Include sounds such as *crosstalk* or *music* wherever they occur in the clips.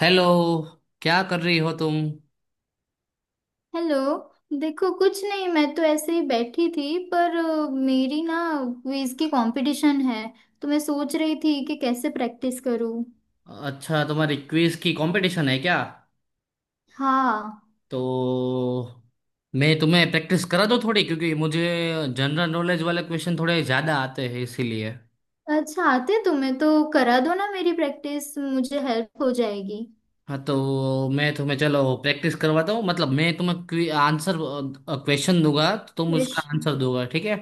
Hello. क्या कर रही हो तुम? हेलो। देखो, कुछ नहीं। मैं तो ऐसे ही बैठी थी पर मेरी ना क्विज की कंपटीशन है, तो मैं सोच रही थी कि कैसे प्रैक्टिस करूं। अच्छा, तुम्हारी क्विज की कंपटीशन है क्या? हाँ। तो मैं तुम्हें प्रैक्टिस करा दो थोड़ी क्योंकि मुझे जनरल नॉलेज वाले क्वेश्चन थोड़े ज़्यादा आते हैं इसीलिए। अच्छा, आते तुम्हें तो करा दो ना मेरी प्रैक्टिस, मुझे हेल्प हो जाएगी। हाँ, तो मैं तुम्हें चलो प्रैक्टिस करवाता हूँ, मतलब मैं तुम्हें आंसर क्वेश्चन दूंगा तो तुम उसका प्रश्न। आंसर दोगा, ठीक है?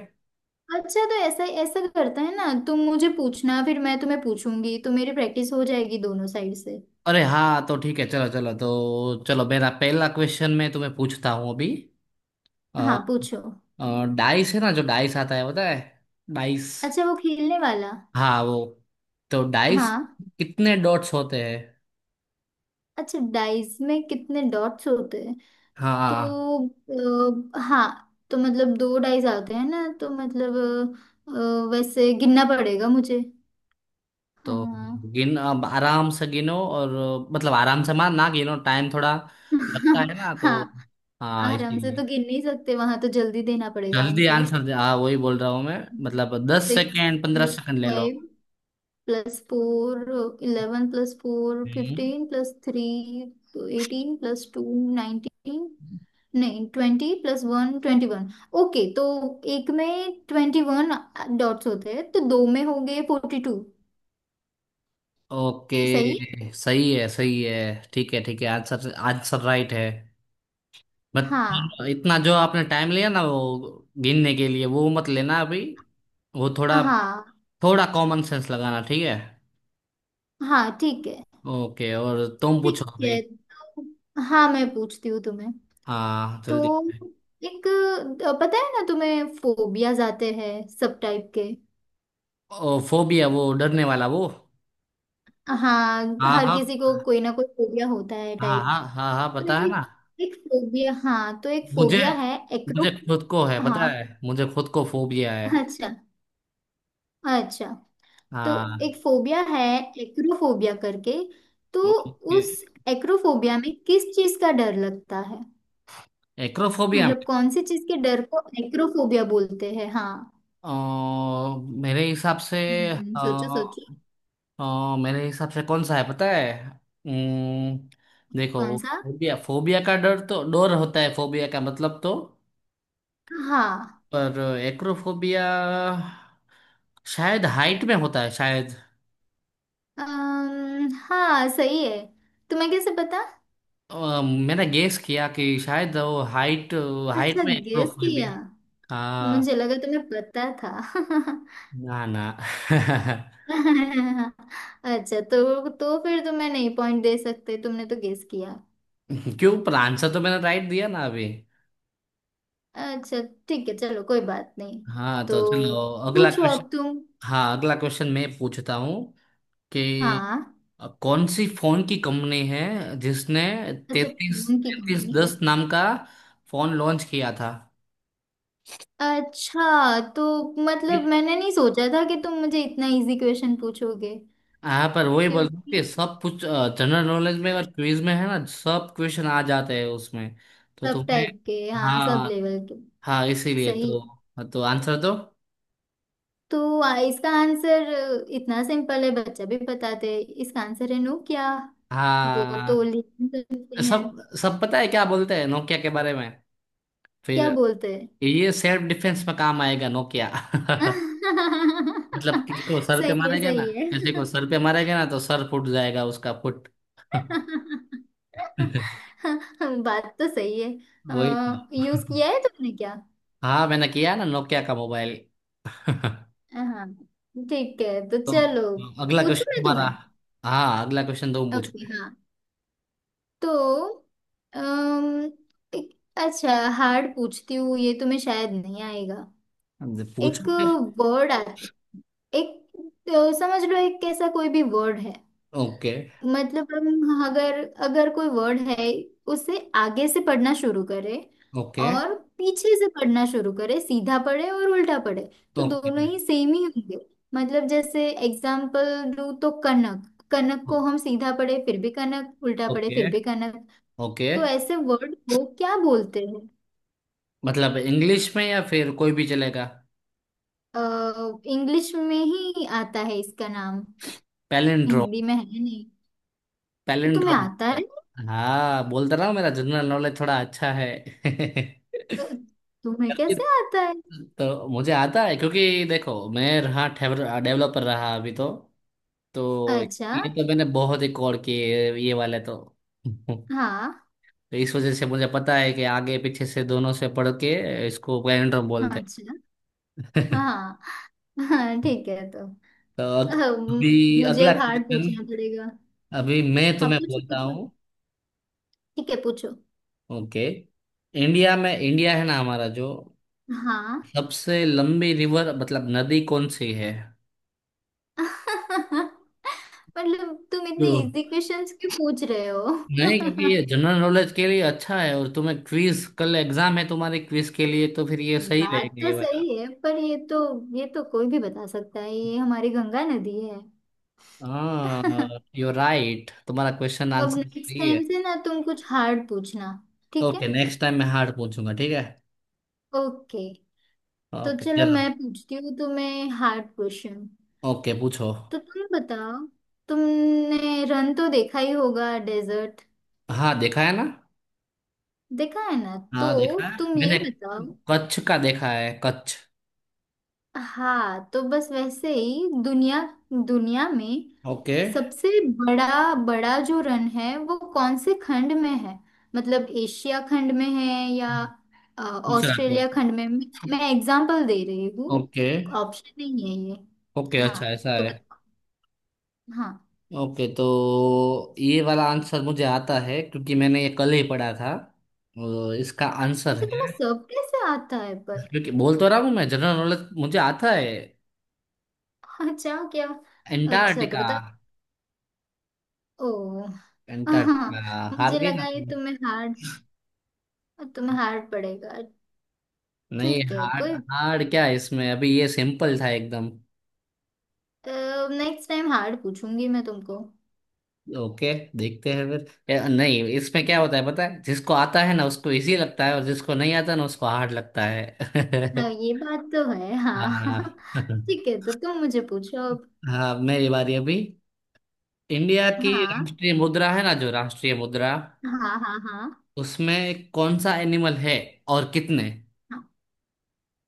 अच्छा, तो ऐसा ऐसा करता है ना, तुम मुझे पूछना फिर मैं तुम्हें पूछूंगी तो मेरी प्रैक्टिस हो जाएगी दोनों साइड से। अरे हाँ, तो ठीक है, चलो चलो तो चलो, मेरा पहला क्वेश्चन मैं तुम्हें पूछता हूँ अभी। अ, हाँ, पूछो। डाइस है ना, जो डाइस आता है पता है। डाइस। अच्छा, वो खेलने वाला। हाँ वो। तो डाइस हाँ। कितने डॉट्स होते हैं? अच्छा, डाइस में कितने डॉट्स होते हैं? हाँ। तो हाँ, तो मतलब दो ढाई जाते हैं ना, तो मतलब वैसे गिनना पड़ेगा मुझे। तो हाँ। गिन, अब आराम से गिनो और मतलब आराम से मार ना गिनो, टाइम थोड़ा लगता है *laughs* ना तो। हाँ। हाँ आराम से इसीलिए। तो गिन नहीं सकते, वहां तो जल्दी देना पड़ेगा जल्दी आंसर। आंसर दे, हाँ वही बोल रहा हूँ मैं। मतलब दस सिक्स सेकेंड पंद्रह प्लस सेकेंड ले लो। Five plus four, 11 plus four हम्म। 15 प्लस थ्री, तो 18 प्लस टू 19, नहीं, 20 प्लस वन 21। ओके, तो एक में 21 डॉट्स होते हैं, तो दो में हो गए 42। सही है? ओके, सही है सही है। ठीक है ठीक है, आंसर आंसर राइट है। हाँ, बट इतना जो आपने टाइम लिया ना वो गिनने के लिए, वो मत लेना अभी। वो थोड़ा हाँ, थोड़ा कॉमन सेंस लगाना, ठीक है। हाँ। ठीक है, ओके, और तुम पूछो ठीक अभी। है, तो हाँ, मैं पूछती हूँ तुम्हें। हाँ, तो जल्दी। एक, पता है ना तुम्हें फोबियाज आते हैं सब टाइप के? ओ फोबिया, वो डरने वाला वो। हाँ, हाँ हर हाँ किसी को कोई ना कोई फोबिया होता है हाँ टाइप। हाँ। हाँ हाँ तो पता है ना। एक एक फोबिया, हाँ, तो एक मुझे फोबिया है एक्रो। मुझे खुद को है, हाँ। पता है मुझे खुद को फोबिया है। अच्छा, अच्छा। तो हाँ। एक फोबिया है एक्रोफोबिया करके। तो ओके। उस एक्रोफोबिया में किस चीज का डर लगता है? एक्रोफोबिया मतलब में। कौन सी चीज के डर को एक्रोफोबिया बोलते हैं? हाँ। अ, मेरे हिसाब से। हम्म, अ, सोचो, सोचो। मेरे हिसाब से कौन सा है पता है। अम्म, देखो, कौन सा? फोबिया फोबिया का डर तो डर होता है, फोबिया का मतलब तो। हाँ, पर एक्रोफोबिया शायद हाइट में होता है शायद। हाँ, सही है। तुम्हें कैसे पता? मैंने गेस किया कि शायद वो हाइट, हाइट अच्छा, में गेस एक्रोफोबिया। किया। हाँ। मुझे लगा तुम्हें पता था। ना ना। *laughs* *laughs* अच्छा, तो फिर तुम्हें नहीं पॉइंट दे सकते, तुमने तो गेस किया। क्यों, पर आंसर तो मैंने राइट दिया ना अभी। अच्छा, ठीक है, चलो, कोई बात नहीं। हाँ, तो तो चलो अगला पूछो क्वेश्चन। अब तुम। हाँ, अगला क्वेश्चन मैं पूछता हूँ कि हाँ। कौन सी फोन की कंपनी है जिसने अच्छा, तैतीस फोन की तैतीस कंपनी। दस नाम का फोन लॉन्च किया था? अच्छा, तो मतलब मैंने नहीं सोचा था कि तुम मुझे इतना इजी क्वेश्चन पूछोगे। हाँ, पर वही बोल रहा हूँ क्योंकि कि सब कुछ जनरल नॉलेज में और क्विज में है ना, सब क्वेश्चन आ जाते हैं उसमें, तो सब तुम्हें। टाइप के, हाँ, सब हाँ लेवल के। हाँ, इसीलिए सही। तो। तो आंसर दो। तो इसका आंसर इतना सिंपल है, बच्चा भी बताते हैं। इसका आंसर है नो, क्या? वो तो हाँ, लिखने सकते हैं। सब सब पता है क्या बोलते हैं नोकिया के बारे में क्या फिर। बोलते हैं? ये सेल्फ डिफेंस में काम आएगा नोकिया। *laughs* मतलब *laughs* किसी को सर पे सही मारा है, गया ना, सही है। किसी को सर पे मारा गया ना तो सर फूट जाएगा उसका फुट। *laughs* *laughs* बात तो सही है। वही तो। यूज किया है तुमने क्या? हाँ मैंने किया ना नोकिया का मोबाइल। *laughs* हाँ, ठीक है, तो तो चलो। अगला पूछू क्वेश्चन मैं तुम्हारा। तुम्हें? हाँ, अगला क्वेश्चन तुम ओके, पूछो। हाँ। तो अम, एक, अच्छा, हार्ड पूछती हूँ, ये तुम्हें शायद नहीं आएगा। अब एक पूछो फिर। वर्ड आता, एक, तो समझ लो एक कैसा कोई भी वर्ड है। ओके मतलब हम अगर अगर कोई वर्ड है, उसे आगे से पढ़ना शुरू करें ओके और पीछे से पढ़ना शुरू करें, सीधा पढ़े और उल्टा पढ़े, तो ओके दोनों ही सेम ही होंगे। मतलब जैसे एग्जाम्पल दूं तो कनक, कनक को हम सीधा पढ़े फिर भी कनक, उल्टा पढ़े ओके फिर भी कनक। ओके। तो ऐसे वर्ड को क्या बोलते हैं? मतलब इंग्लिश में, या फिर कोई भी चलेगा? इंग्लिश में ही आता है इसका नाम, पैलिंड्रोम। हिंदी में है नहीं। तो तुम्हें पैलिंड्रोम। आता है? हाँ, बोलता रहा हूँ मेरा जनरल नॉलेज थोड़ा अच्छा है। *laughs* अ, तुम्हें कैसे आता तो मुझे आता है क्योंकि देखो, मैं रहा डेवलपर रहा अभी तो है? तो अच्छा। ये तो मैंने बहुत ही कॉल किए ये वाले तो। *laughs* हाँ। तो इस वजह से मुझे पता है कि आगे पीछे से दोनों से पढ़ के इसको पैनड्रम बोलते अच्छा। हैं। *laughs* हाँ, हाँ, ठीक है, तो तो अम, अभी मुझे अगला अब हार्ड क्वेश्चन। पूछना पड़ेगा। अभी मैं हाँ, तुम्हें पूछो, बोलता पूछो। हूँ। ठीक है, पूछो। ओके। इंडिया में, इंडिया है ना हमारा जो, हाँ। सबसे लंबी रिवर मतलब नदी कौन सी है? *laughs* मतलब तुम इतने तो- इजी क्वेश्चंस क्यों पूछ रहे नहीं, क्योंकि हो? ये *laughs* जनरल नॉलेज के लिए अच्छा है, और तुम्हें क्विज कल एग्जाम है तुम्हारे, क्विज के लिए तो फिर ये सही बात रहेगा तो ये वाला। सही है, पर ये तो कोई भी बता सकता है, ये हमारी गंगा नदी है। *laughs* हाँ, यू राइट, तुम्हारा क्वेश्चन अब आंसर नेक्स्ट सही है। टाइम से ना तुम कुछ हार्ड पूछना, ठीक है? ओके, नेक्स्ट टाइम मैं हार्ड पूछूंगा, ठीक है। ओके। तो ओके, चलो, चलो। मैं पूछती हूँ तुम्हें हार्ड क्वेश्चन। ओके, पूछो। तो तुम बताओ, तुमने रन तो देखा ही होगा, डेजर्ट। हाँ देखा है ना। देखा है ना, तो हाँ देखा है तुम मैंने, ये बताओ। कच्छ का देखा है कच्छ। हाँ, तो बस वैसे ही दुनिया दुनिया में ओके, सबसे बड़ा बड़ा जो रन है, वो कौन से खंड में है? मतलब एशिया खंड में है या दूसरा कोई? ऑस्ट्रेलिया खंड में? मैं एग्जांपल दे रही हूँ, ओके। ऑप्शन नहीं है ये। ओके, हाँ, अच्छा ऐसा तो है। बताओ। हाँ। ओके, तो ये वाला आंसर मुझे आता है क्योंकि मैंने ये कल ही पढ़ा था, और इसका आंसर अच्छा, तुम्हें है, सब कैसे आता है? क्योंकि बोल तो रहा हूँ मैं जनरल नॉलेज मुझे आता है। हाँ, अच्छा, क्या? अच्छा, तो एंटार्क्टिका। बताओ। ओ, हाँ। एंटार्क्टिका, हार मुझे गई ना लगा ये तुम। तुम्हें हार्ड पड़ेगा। नहीं ठीक है, हार्ड, कोई, हार्ड क्या है इसमें, अभी ये सिंपल था एकदम। नेक्स्ट टाइम हार्ड पूछूंगी मैं तुमको। ओके, देखते हैं फिर, या, नहीं, इसमें क्या होता है पता है, जिसको आता है ना उसको इजी लगता है और जिसको नहीं आता ना उसको हार्ड लगता है। हाँ, *laughs* ये बात तो है, हाँ। हाँ। *laughs* *laughs* ठीक है, तो तुम मुझे पूछो अब। हाँ, मेरी बारी अभी। इंडिया की हाँ, राष्ट्रीय मुद्रा है ना जो, राष्ट्रीय मुद्रा हाँ, हाँ, हाँ, उसमें कौन सा एनिमल है और कितने? हाँ।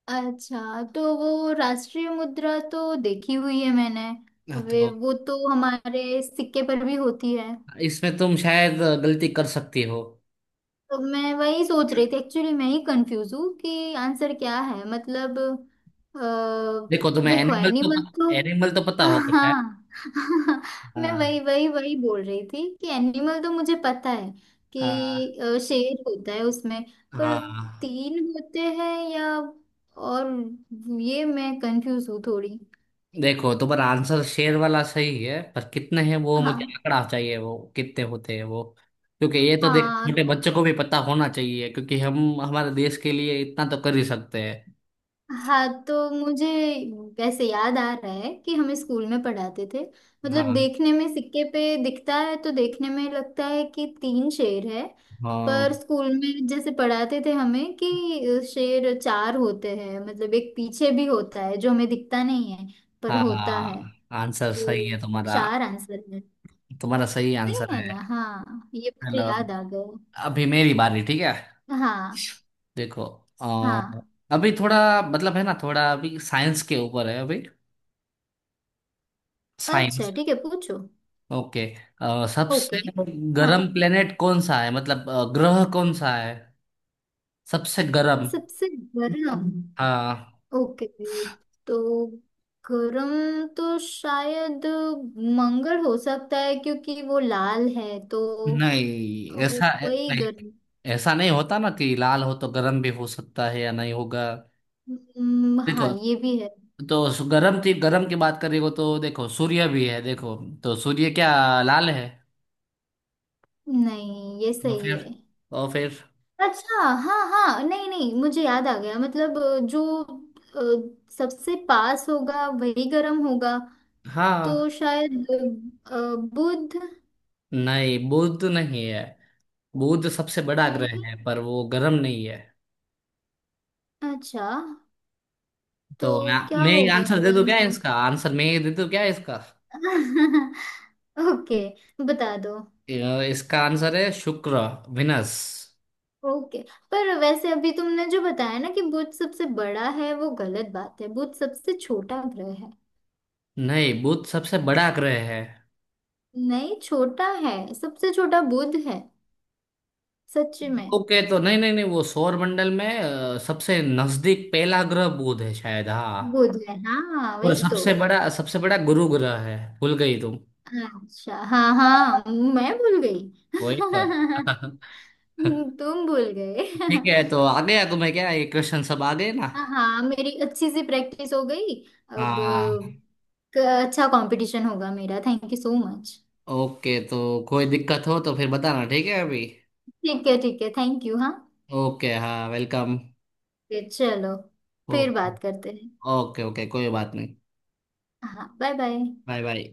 अच्छा, तो वो राष्ट्रीय मुद्रा तो देखी हुई है मैंने। हाँ, वे तो वो तो हमारे सिक्के पर भी होती है। इसमें तुम शायद गलती कर सकती हो। तो मैं वही सोच रही थी, एक्चुअली मैं ही कंफ्यूज हूँ कि आंसर क्या है, मतलब। अ, देखो तुम्हें देखो, एनिमल तो एनिमल तो। एनिमल तो पता होगा शायद। हाँ। *laughs* मैं वही हाँ वही वही बोल रही थी कि एनिमल तो मुझे पता है, हाँ कि शेर होता है उसमें। पर हाँ। तीन होते हैं या, और ये मैं कंफ्यूज हूँ थोड़ी। देखो, तुम्हारा आंसर शेर वाला सही है, पर कितने हैं वो मुझे हाँ, आंकड़ा चाहिए, वो कितने होते हैं वो? क्योंकि ये तो देख, हाँ, छोटे बच्चों को भी पता होना चाहिए क्योंकि हम हमारे देश के लिए इतना तो कर ही सकते हैं। हाँ। तो मुझे वैसे याद आ रहा है कि हमें स्कूल में पढ़ाते थे। मतलब हाँ देखने में सिक्के पे दिखता है तो देखने में लगता है कि तीन शेर है। हाँ पर स्कूल में जैसे पढ़ाते थे हमें कि शेर चार होते हैं, मतलब एक पीछे भी होता है जो हमें दिखता नहीं है, पर होता है। हाँ। आंसर सही है तो तुम्हारा। चार आंसर है। तुम्हारा सही सही आंसर है है। ना, हाँ, ये चलो, मुझे याद आ गया। अभी मेरी बारी, ठीक है। हाँ, देखो। हाँ। अभी थोड़ा मतलब है ना, थोड़ा अभी साइंस के ऊपर है अभी। अच्छा, साइंस। ठीक है, पूछो। ओके। सबसे ओके। हाँ, गर्म प्लेनेट कौन सा है, मतलब ग्रह कौन सा है? सबसे गर्म। सबसे बड़ा। हाँ। ओके, तो गरम तो शायद मंगल हो सकता है क्योंकि वो लाल है तो, नहीं वो ऐसा, वही नहीं, गरम। ऐसा नहीं होता ना कि लाल हो तो गर्म भी हो सकता है या नहीं होगा। हाँ, देखो, ये भी है। तो गर्म थी, गर्म की बात करेगा तो देखो सूर्य भी है देखो। तो सूर्य क्या लाल है। नहीं, ये और सही फिर है। और फिर। अच्छा, हाँ, हाँ, नहीं, नहीं, मुझे याद आ गया, मतलब जो सबसे पास होगा वही गर्म होगा। हाँ। तो शायद अ, बुध। नहीं, बुध नहीं है। बुध सबसे बड़ा ग्रह नहीं। है पर वो गर्म नहीं है। अच्छा, तो तो मैं क्या मैं एक होगा आंसर दे फिर दूं क्या, आंसर? इसका आंसर मैं ये दे दूं क्या इसका? *laughs* ओके, बता दो। इसका आंसर है शुक्र। विनस। ओके। पर वैसे अभी तुमने जो बताया ना कि बुध सबसे बड़ा है, वो गलत बात है, बुध सबसे छोटा ग्रह है। नहीं, बुध सबसे बड़ा ग्रह है। नहीं, छोटा है, सबसे छोटा बुध है। सच में? ओके, तो नहीं नहीं नहीं, वो सौर मंडल में सबसे नजदीक पहला ग्रह बुध है शायद, हाँ। बुध है, हाँ, और वही तो। सबसे बड़ा गुरु ग्रह है, भूल गई तुम। अच्छा, हाँ, हाँ, मैं भूल गई। वही तो। *laughs* *laughs* तुम भूल गए। ठीक है, तो *laughs* आ गया तुम्हें क्या, ये क्वेश्चन सब आ गए ना। हाँ, हाँ, मेरी अच्छी सी प्रैक्टिस हो गई। अब हाँ। क- अच्छा, कंपटीशन होगा मेरा, thank you so much. Okay, तो कोई दिक्कत हो तो फिर बताना, ठीक है अभी। ठीक है, ठीक है, थैंक यू, हाँ। ओके, हाँ वेलकम। फिर चलो, फिर ओके। बात करते हैं। ओके ओके, कोई बात नहीं। हाँ, बाय बाय। Bye bye.